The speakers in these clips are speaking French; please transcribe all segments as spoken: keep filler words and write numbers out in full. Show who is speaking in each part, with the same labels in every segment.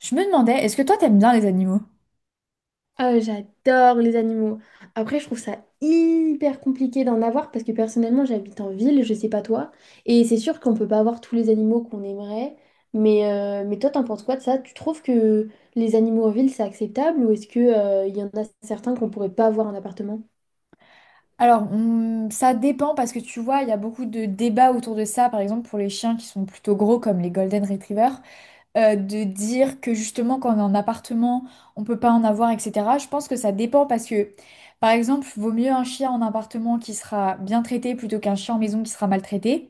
Speaker 1: Je me demandais, est-ce que toi t'aimes bien les animaux?
Speaker 2: Ah, j'adore les animaux. Après, je trouve ça hyper compliqué d'en avoir parce que personnellement, j'habite en ville, je sais pas toi. Et c'est sûr qu'on peut pas avoir tous les animaux qu'on aimerait. Mais, euh, mais toi, t'en penses quoi de ça? Tu trouves que les animaux en ville, c'est acceptable ou est-ce que, euh, il y en a certains qu'on pourrait pas avoir en appartement?
Speaker 1: Alors, on- ça dépend parce que tu vois, il y a beaucoup de débats autour de ça, par exemple pour les chiens qui sont plutôt gros comme les Golden Retrievers, euh, de dire que justement quand on est en appartement, on peut pas en avoir, et cetera. Je pense que ça dépend parce que, par exemple, vaut mieux un chien en appartement qui sera bien traité plutôt qu'un chien en maison qui sera maltraité.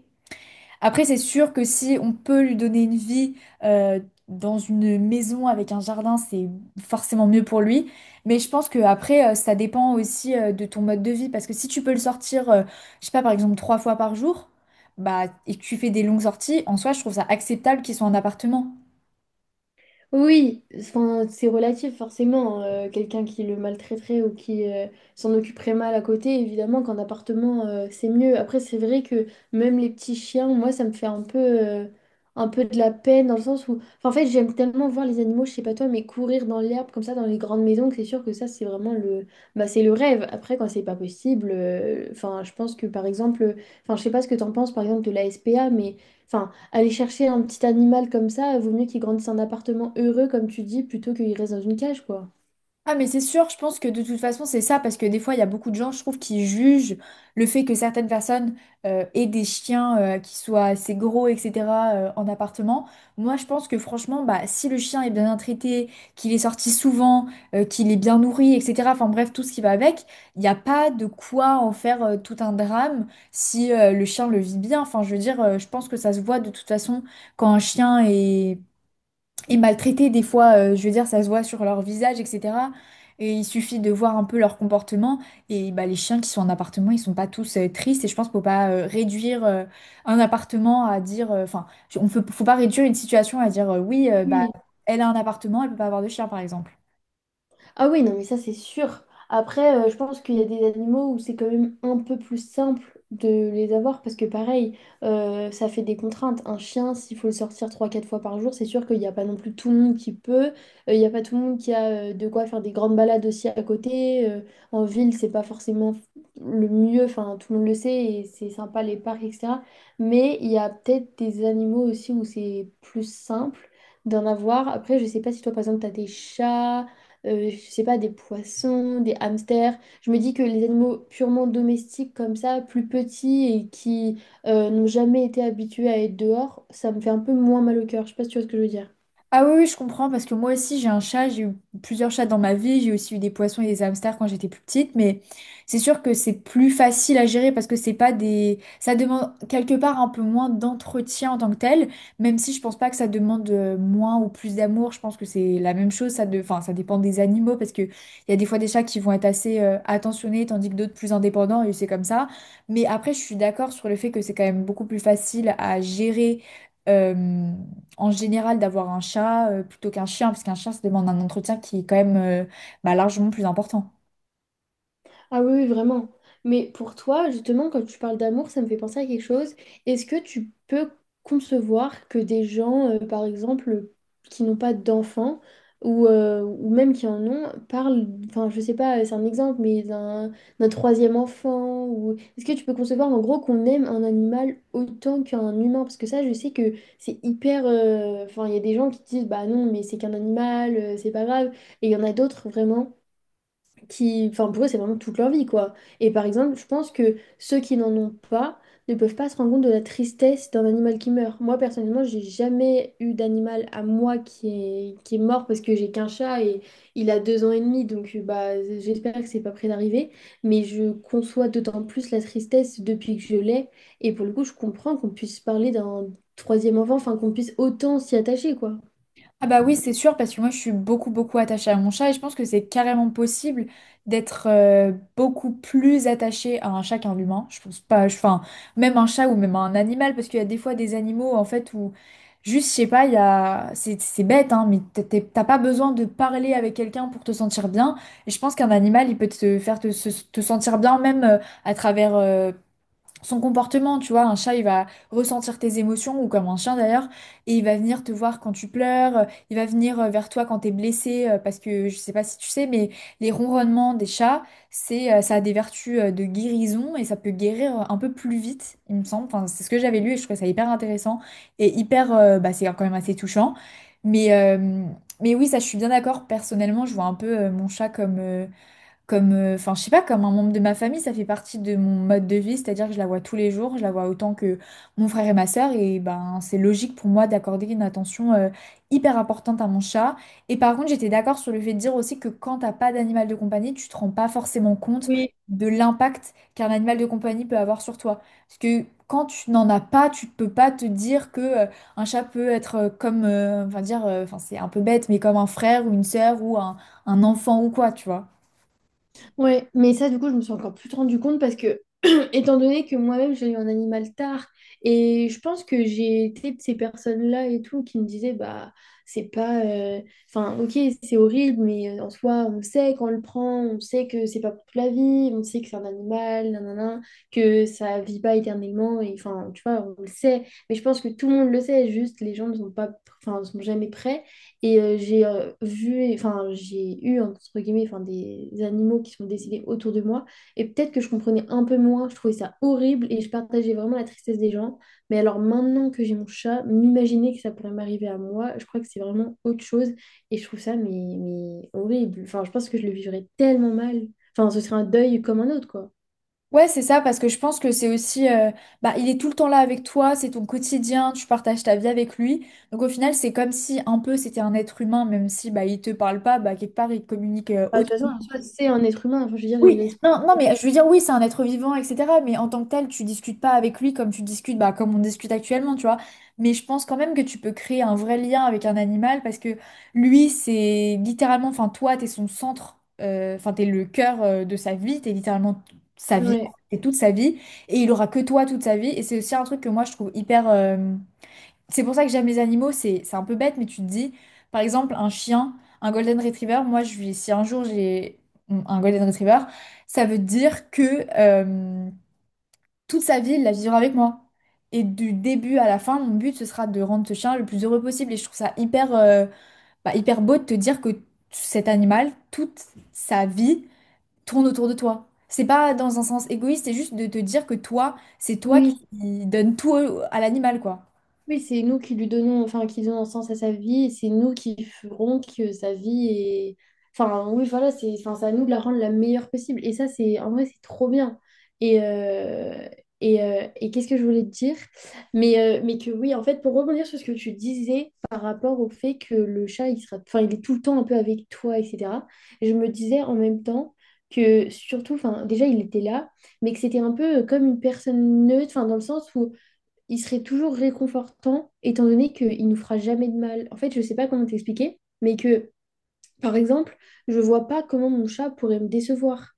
Speaker 1: Après, c'est sûr que si on peut lui donner une vie euh, dans une maison avec un jardin, c'est forcément mieux pour lui. Mais je pense que après, euh, ça dépend aussi euh, de ton mode de vie. Parce que si tu peux le sortir, euh, je sais pas, par exemple, trois fois par jour, bah, et que tu fais des longues sorties, en soi, je trouve ça acceptable qu'il soit en appartement.
Speaker 2: Oui, enfin, c'est relatif forcément. Euh, quelqu'un qui le maltraiterait ou qui euh, s'en occuperait mal à côté, évidemment qu'en appartement, euh, c'est mieux. Après, c'est vrai que même les petits chiens, moi, ça me fait un peu, euh, un peu de la peine dans le sens où, enfin, en fait, j'aime tellement voir les animaux, je sais pas toi, mais courir dans l'herbe comme ça dans les grandes maisons, que c'est sûr que ça, c'est vraiment le, bah, c'est le rêve. Après, quand c'est pas possible, euh, enfin, je pense que par exemple, enfin, je sais pas ce que t'en penses par exemple de la S P A, mais enfin. Aller chercher un petit animal comme ça, vaut mieux qu'il grandisse en appartement heureux, comme tu dis, plutôt qu'il reste dans une cage, quoi.
Speaker 1: Ah mais c'est sûr, je pense que de toute façon c'est ça, parce que des fois il y a beaucoup de gens, je trouve, qui jugent le fait que certaines personnes euh, aient des chiens euh, qui soient assez gros, et cetera euh, en appartement. Moi je pense que franchement, bah, si le chien est bien traité, qu'il est sorti souvent, euh, qu'il est bien nourri, et cetera. Enfin bref, tout ce qui va avec, il n'y a pas de quoi en faire euh, tout un drame si euh, le chien le vit bien. Enfin je veux dire, euh, je pense que ça se voit de toute façon quand un chien est et maltraités des fois, euh, je veux dire, ça se voit sur leur visage, et cetera. Et il suffit de voir un peu leur comportement. Et bah, les chiens qui sont en appartement, ils sont pas tous euh, tristes. Et je pense qu'il faut pas euh, réduire euh, un appartement à dire. euh, Enfin, on peut, faut pas réduire une situation à dire euh, oui, euh, bah,
Speaker 2: Oui.
Speaker 1: elle a un appartement, elle peut pas avoir de chien, par exemple.
Speaker 2: Ah oui, non, mais ça c'est sûr. Après, euh, je pense qu'il y a des animaux où c'est quand même un peu plus simple de les avoir parce que pareil, euh, ça fait des contraintes. Un chien, s'il faut le sortir trois quatre fois par jour, c'est sûr qu'il n'y a pas non plus tout le monde qui peut. Euh, Il n'y a pas tout le monde qui a euh, de quoi faire des grandes balades aussi à côté. Euh, en ville, c'est pas forcément le mieux, enfin tout le monde le sait et c'est sympa les parcs, et cetera. Mais il y a peut-être des animaux aussi où c'est plus simple d'en avoir. Après, je sais pas si toi par exemple tu as des chats euh, je sais pas, des poissons, des hamsters. Je me dis que les animaux purement domestiques comme ça, plus petits et qui euh, n'ont jamais été habitués à être dehors, ça me fait un peu moins mal au cœur. Je sais pas si tu vois ce que je veux dire.
Speaker 1: Ah oui, oui, je comprends, parce que moi aussi j'ai un chat, j'ai eu plusieurs chats dans ma vie, j'ai aussi eu des poissons et des hamsters quand j'étais plus petite, mais c'est sûr que c'est plus facile à gérer parce que c'est pas des ça demande quelque part un peu moins d'entretien en tant que tel, même si je pense pas que ça demande euh, moins ou plus d'amour, je pense que c'est la même chose, ça de enfin, ça dépend des animaux, parce que il y a des fois des chats qui vont être assez euh, attentionnés, tandis que d'autres plus indépendants, et c'est comme ça. Mais après, je suis d'accord sur le fait que c'est quand même beaucoup plus facile à gérer. euh, en général d'avoir un chat euh, plutôt qu'un chien, parce qu'un chien, ça demande un entretien qui est quand même euh, bah, largement plus important.
Speaker 2: Ah oui, oui, vraiment. Mais pour toi, justement, quand tu parles d'amour, ça me fait penser à quelque chose. Est-ce que tu peux concevoir que des gens, euh, par exemple, qui n'ont pas d'enfants ou, euh, ou même qui en ont, parlent, enfin, je sais pas, c'est un exemple, mais d'un d'un troisième enfant ou. Est-ce que tu peux concevoir, en gros, qu'on aime un animal autant qu'un humain? Parce que ça, je sais que c'est hyper. euh, Enfin, il y a des gens qui disent, bah non, mais c'est qu'un animal, euh, c'est pas grave. Et il y en a d'autres, vraiment qui, enfin pour eux, c'est vraiment toute leur vie, quoi. Et par exemple, je pense que ceux qui n'en ont pas ne peuvent pas se rendre compte de la tristesse d'un animal qui meurt. Moi, personnellement, j'ai jamais eu d'animal à moi qui est, qui est mort parce que j'ai qu'un chat et il a deux ans et demi, donc euh, bah, j'espère que c'est pas près d'arriver. Mais je conçois d'autant plus la tristesse depuis que je l'ai. Et pour le coup, je comprends qu'on puisse parler d'un troisième enfant, enfin qu'on puisse autant s'y attacher, quoi.
Speaker 1: Ah bah oui, c'est sûr, parce que moi, je suis beaucoup, beaucoup attachée à mon chat, et je pense que c'est carrément possible d'être euh, beaucoup plus attachée à un chat qu'à un humain. Je pense pas, je- enfin, même un chat ou même un animal, parce qu'il y a des fois des animaux, en fait, où Juste, je sais pas, il y a c'est c'est bête, hein, mais t'es- t'es- t'as pas besoin de parler avec quelqu'un pour te sentir bien. Et je pense qu'un animal, il peut te faire te, se- te sentir bien, même euh, à travers euh, son comportement, tu vois, un chat, il va ressentir tes émotions, ou comme un chien d'ailleurs, et il va venir te voir quand tu pleures, euh, il va venir euh, vers toi quand t'es blessé, euh, parce que je sais pas si tu sais, mais les ronronnements des chats, c'est, euh, ça a des vertus euh, de guérison, et ça peut guérir euh, un peu plus vite, il me semble. Enfin, c'est ce que j'avais lu, et je trouvais ça hyper intéressant, et hyper, euh, bah, c'est quand même assez touchant. Mais, euh, mais oui, ça, je suis bien d'accord, personnellement, je vois un peu euh, mon chat comme euh, comme, euh, enfin, je sais pas, comme un membre de ma famille, ça fait partie de mon mode de vie, c'est-à-dire que je la vois tous les jours, je la vois autant que mon frère et ma sœur, et ben, c'est logique pour moi d'accorder une attention euh, hyper importante à mon chat. Et par contre, j'étais d'accord sur le fait de dire aussi que quand t'as pas d'animal de compagnie, tu te rends pas forcément compte
Speaker 2: Oui.
Speaker 1: de l'impact qu'un animal de compagnie peut avoir sur toi. Parce que quand tu n'en as pas, tu peux pas te dire que euh, un chat peut être euh, comme, euh, enfin dire, euh, enfin c'est un peu bête, mais comme un frère ou une sœur ou un un enfant ou quoi, tu vois.
Speaker 2: Ouais, mais ça, du coup, je me suis encore plus rendu compte parce que, étant donné que moi-même, j'ai eu un animal tard, et je pense que j'ai été de ces personnes-là et tout qui me disaient, bah, c'est pas. euh, Enfin, ok, c'est horrible, mais euh, en soi, on sait qu'on le prend, on sait que c'est pas pour toute la vie, on sait que c'est un animal, nanana, que ça vit pas éternellement, et enfin, tu vois, on le sait. Mais je pense que tout le monde le sait, juste les gens ne sont pas. Enfin, ne sont jamais prêts. Et euh, j'ai euh, vu, et- enfin, j'ai eu, entre guillemets, enfin, des animaux qui sont décédés autour de moi. Et peut-être que je comprenais un peu moins, je trouvais ça horrible et je partageais vraiment la tristesse des gens. Mais alors maintenant que j'ai mon chat, m'imaginer que ça pourrait m'arriver à moi, je crois que c'est vraiment autre chose. Et je trouve ça, mais, mais horrible. Enfin, je pense que je le vivrais tellement mal. Enfin, ce serait un deuil comme un autre, quoi.
Speaker 1: Ouais, c'est ça, parce que je pense que c'est aussi, euh, bah, il est tout le temps là avec toi, c'est ton quotidien, tu partages ta vie avec lui. Donc au final, c'est comme si un peu c'était un être humain, même si bah, il te parle pas, bah, quelque part il communique euh,
Speaker 2: Enfin, de toute
Speaker 1: autant.
Speaker 2: façon, en soi, c'est un être humain. Enfin, je veux dire, il
Speaker 1: Oui,
Speaker 2: respire.
Speaker 1: non, non, mais je veux dire, oui, c'est un être vivant, et cetera. Mais en tant que tel, tu discutes pas avec lui comme tu discutes, bah, comme on discute actuellement, tu vois. Mais je pense quand même que tu peux créer un vrai lien avec un animal parce que lui, c'est littéralement, enfin, toi, t'es son centre, euh, enfin, t'es le cœur euh, de sa vie, t'es littéralement t- sa vie,
Speaker 2: Ouais.
Speaker 1: t'es toute sa vie, et il aura que toi toute sa vie. Et c'est aussi un truc que moi, je trouve hyper, euh, c'est pour ça que j'aime les animaux, c'est c'est un peu bête, mais tu te dis, par exemple, un chien, un golden retriever, moi, je lui, si un jour j'ai un golden retriever, ça veut dire que euh, toute sa vie, il la vivra avec moi. Et du début à la fin, mon but, ce sera de rendre ce chien le plus heureux possible. Et je trouve ça hyper, euh, bah, hyper beau de te dire que cet animal, toute sa vie, tourne autour de toi. C'est pas dans un sens égoïste, c'est juste de te dire que toi, c'est toi
Speaker 2: Oui.
Speaker 1: qui donne tout à l'animal, quoi.
Speaker 2: Oui, c'est nous qui lui donnons, enfin, qui donnons sens à sa vie, et c'est nous qui ferons que sa vie est. Enfin, oui, voilà, c'est, enfin, c'est à nous de la rendre la meilleure possible. Et ça, c'est, en vrai, c'est trop bien. Et, euh, et, euh, et qu'est-ce que je voulais te dire? Mais, euh, mais que oui, en fait, pour rebondir sur ce que tu disais par rapport au fait que le chat, il sera, enfin, il est tout le temps un peu avec toi, et cetera. Je me disais en même temps que surtout, enfin, déjà, il était là, mais que c'était un peu comme une personne neutre, enfin, dans le sens où il serait toujours réconfortant, étant donné qu'il nous fera jamais de mal. En fait, je sais pas comment t'expliquer, mais que, par exemple, je vois pas comment mon chat pourrait me décevoir.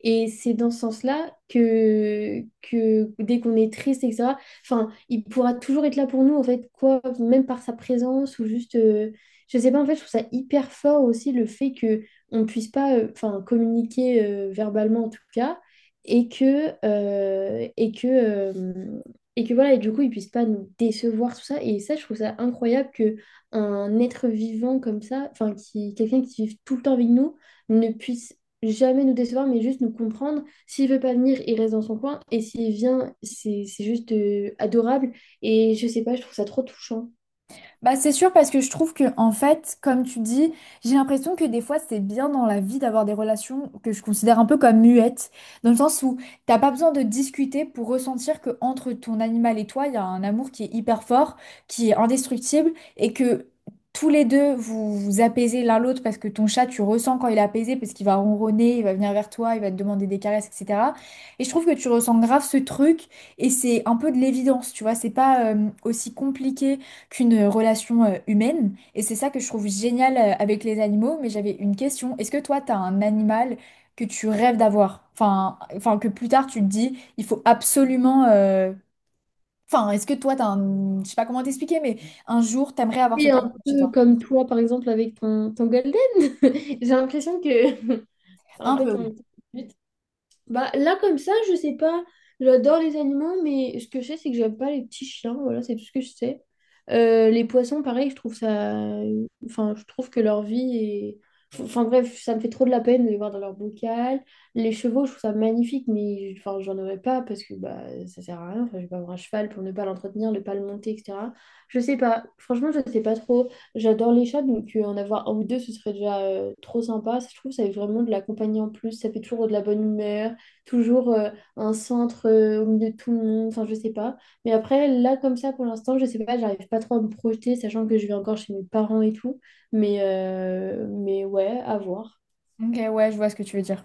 Speaker 2: Et c'est dans ce sens-là que, que dès qu'on est triste, et cetera, enfin, il pourra toujours être là pour nous, en fait, quoi, même par sa présence ou juste, euh, je sais pas, en fait, je trouve ça hyper fort aussi le fait que on puisse pas, euh, enfin, communiquer euh, verbalement en tout cas, et que, euh, et que, euh, et que voilà, et du coup, ils puissent pas nous décevoir, tout ça. Et ça, je trouve ça incroyable que un être vivant comme ça, enfin, qui, quelqu'un qui vive tout le temps avec nous, ne puisse jamais nous décevoir, mais juste nous comprendre. S'il veut pas venir, il reste dans son coin. Et s'il vient, c'est c'est juste euh, adorable. Et je sais pas, je trouve ça trop touchant.
Speaker 1: Bah, c'est sûr parce que je trouve que en fait, comme tu dis, j'ai l'impression que des fois c'est bien dans la vie d'avoir des relations que je considère un peu comme muettes, dans le sens où t'as pas besoin de discuter pour ressentir que entre ton animal et toi, il y a un amour qui est hyper fort, qui est indestructible et que tous les deux vous vous apaisez l'un l'autre parce que ton chat tu ressens quand il est apaisé parce qu'il va ronronner, il va venir vers toi, il va te demander des caresses, et cetera. Et je trouve que tu ressens grave ce truc et c'est un peu de l'évidence, tu vois, c'est pas euh, aussi compliqué qu'une relation euh, humaine. Et c'est ça que je trouve génial euh, avec les animaux. Mais j'avais une question. Est-ce que toi, tu as un animal que tu rêves d'avoir? Enfin, enfin, que plus tard, tu te dis, il faut absolument euh, Enfin, est-ce que toi, t'as un Je sais pas comment t'expliquer, mais un jour, t'aimerais avoir
Speaker 2: Et
Speaker 1: cet animal
Speaker 2: un
Speaker 1: chez
Speaker 2: peu
Speaker 1: toi.
Speaker 2: comme toi, par exemple, avec ton, ton Golden. J'ai l'impression que c'est un
Speaker 1: Un
Speaker 2: peu
Speaker 1: peu, oui.
Speaker 2: ton but. Bah, là, comme ça, je sais pas. J'adore les animaux, mais ce que je sais, c'est que j'aime pas les petits chiens. Voilà, c'est tout ce que je sais. Euh, les poissons, pareil, je trouve ça. Enfin, je trouve que leur vie est. Enfin, bref, ça me fait trop de la peine de les voir dans leur bocal. Les chevaux, je trouve ça magnifique, mais enfin, j'en aurais pas parce que bah, ça sert à rien. Enfin, je vais pas avoir un cheval pour ne pas l'entretenir, ne pas le monter, et cetera. Je sais pas. Franchement, je sais pas trop. J'adore les chats, donc euh, en avoir un ou deux, ce serait déjà euh, trop sympa. Je trouve que ça fait vraiment de la compagnie en plus. Ça fait toujours de la bonne humeur toujours euh, un centre euh, au milieu de tout le monde, enfin je sais pas. Mais après, là comme ça pour l'instant, je sais pas, j'arrive pas trop à me projeter, sachant que je vais encore chez mes parents et tout. Mais, euh, mais ouais, à voir.
Speaker 1: Ok, ouais, je vois ce que tu veux dire.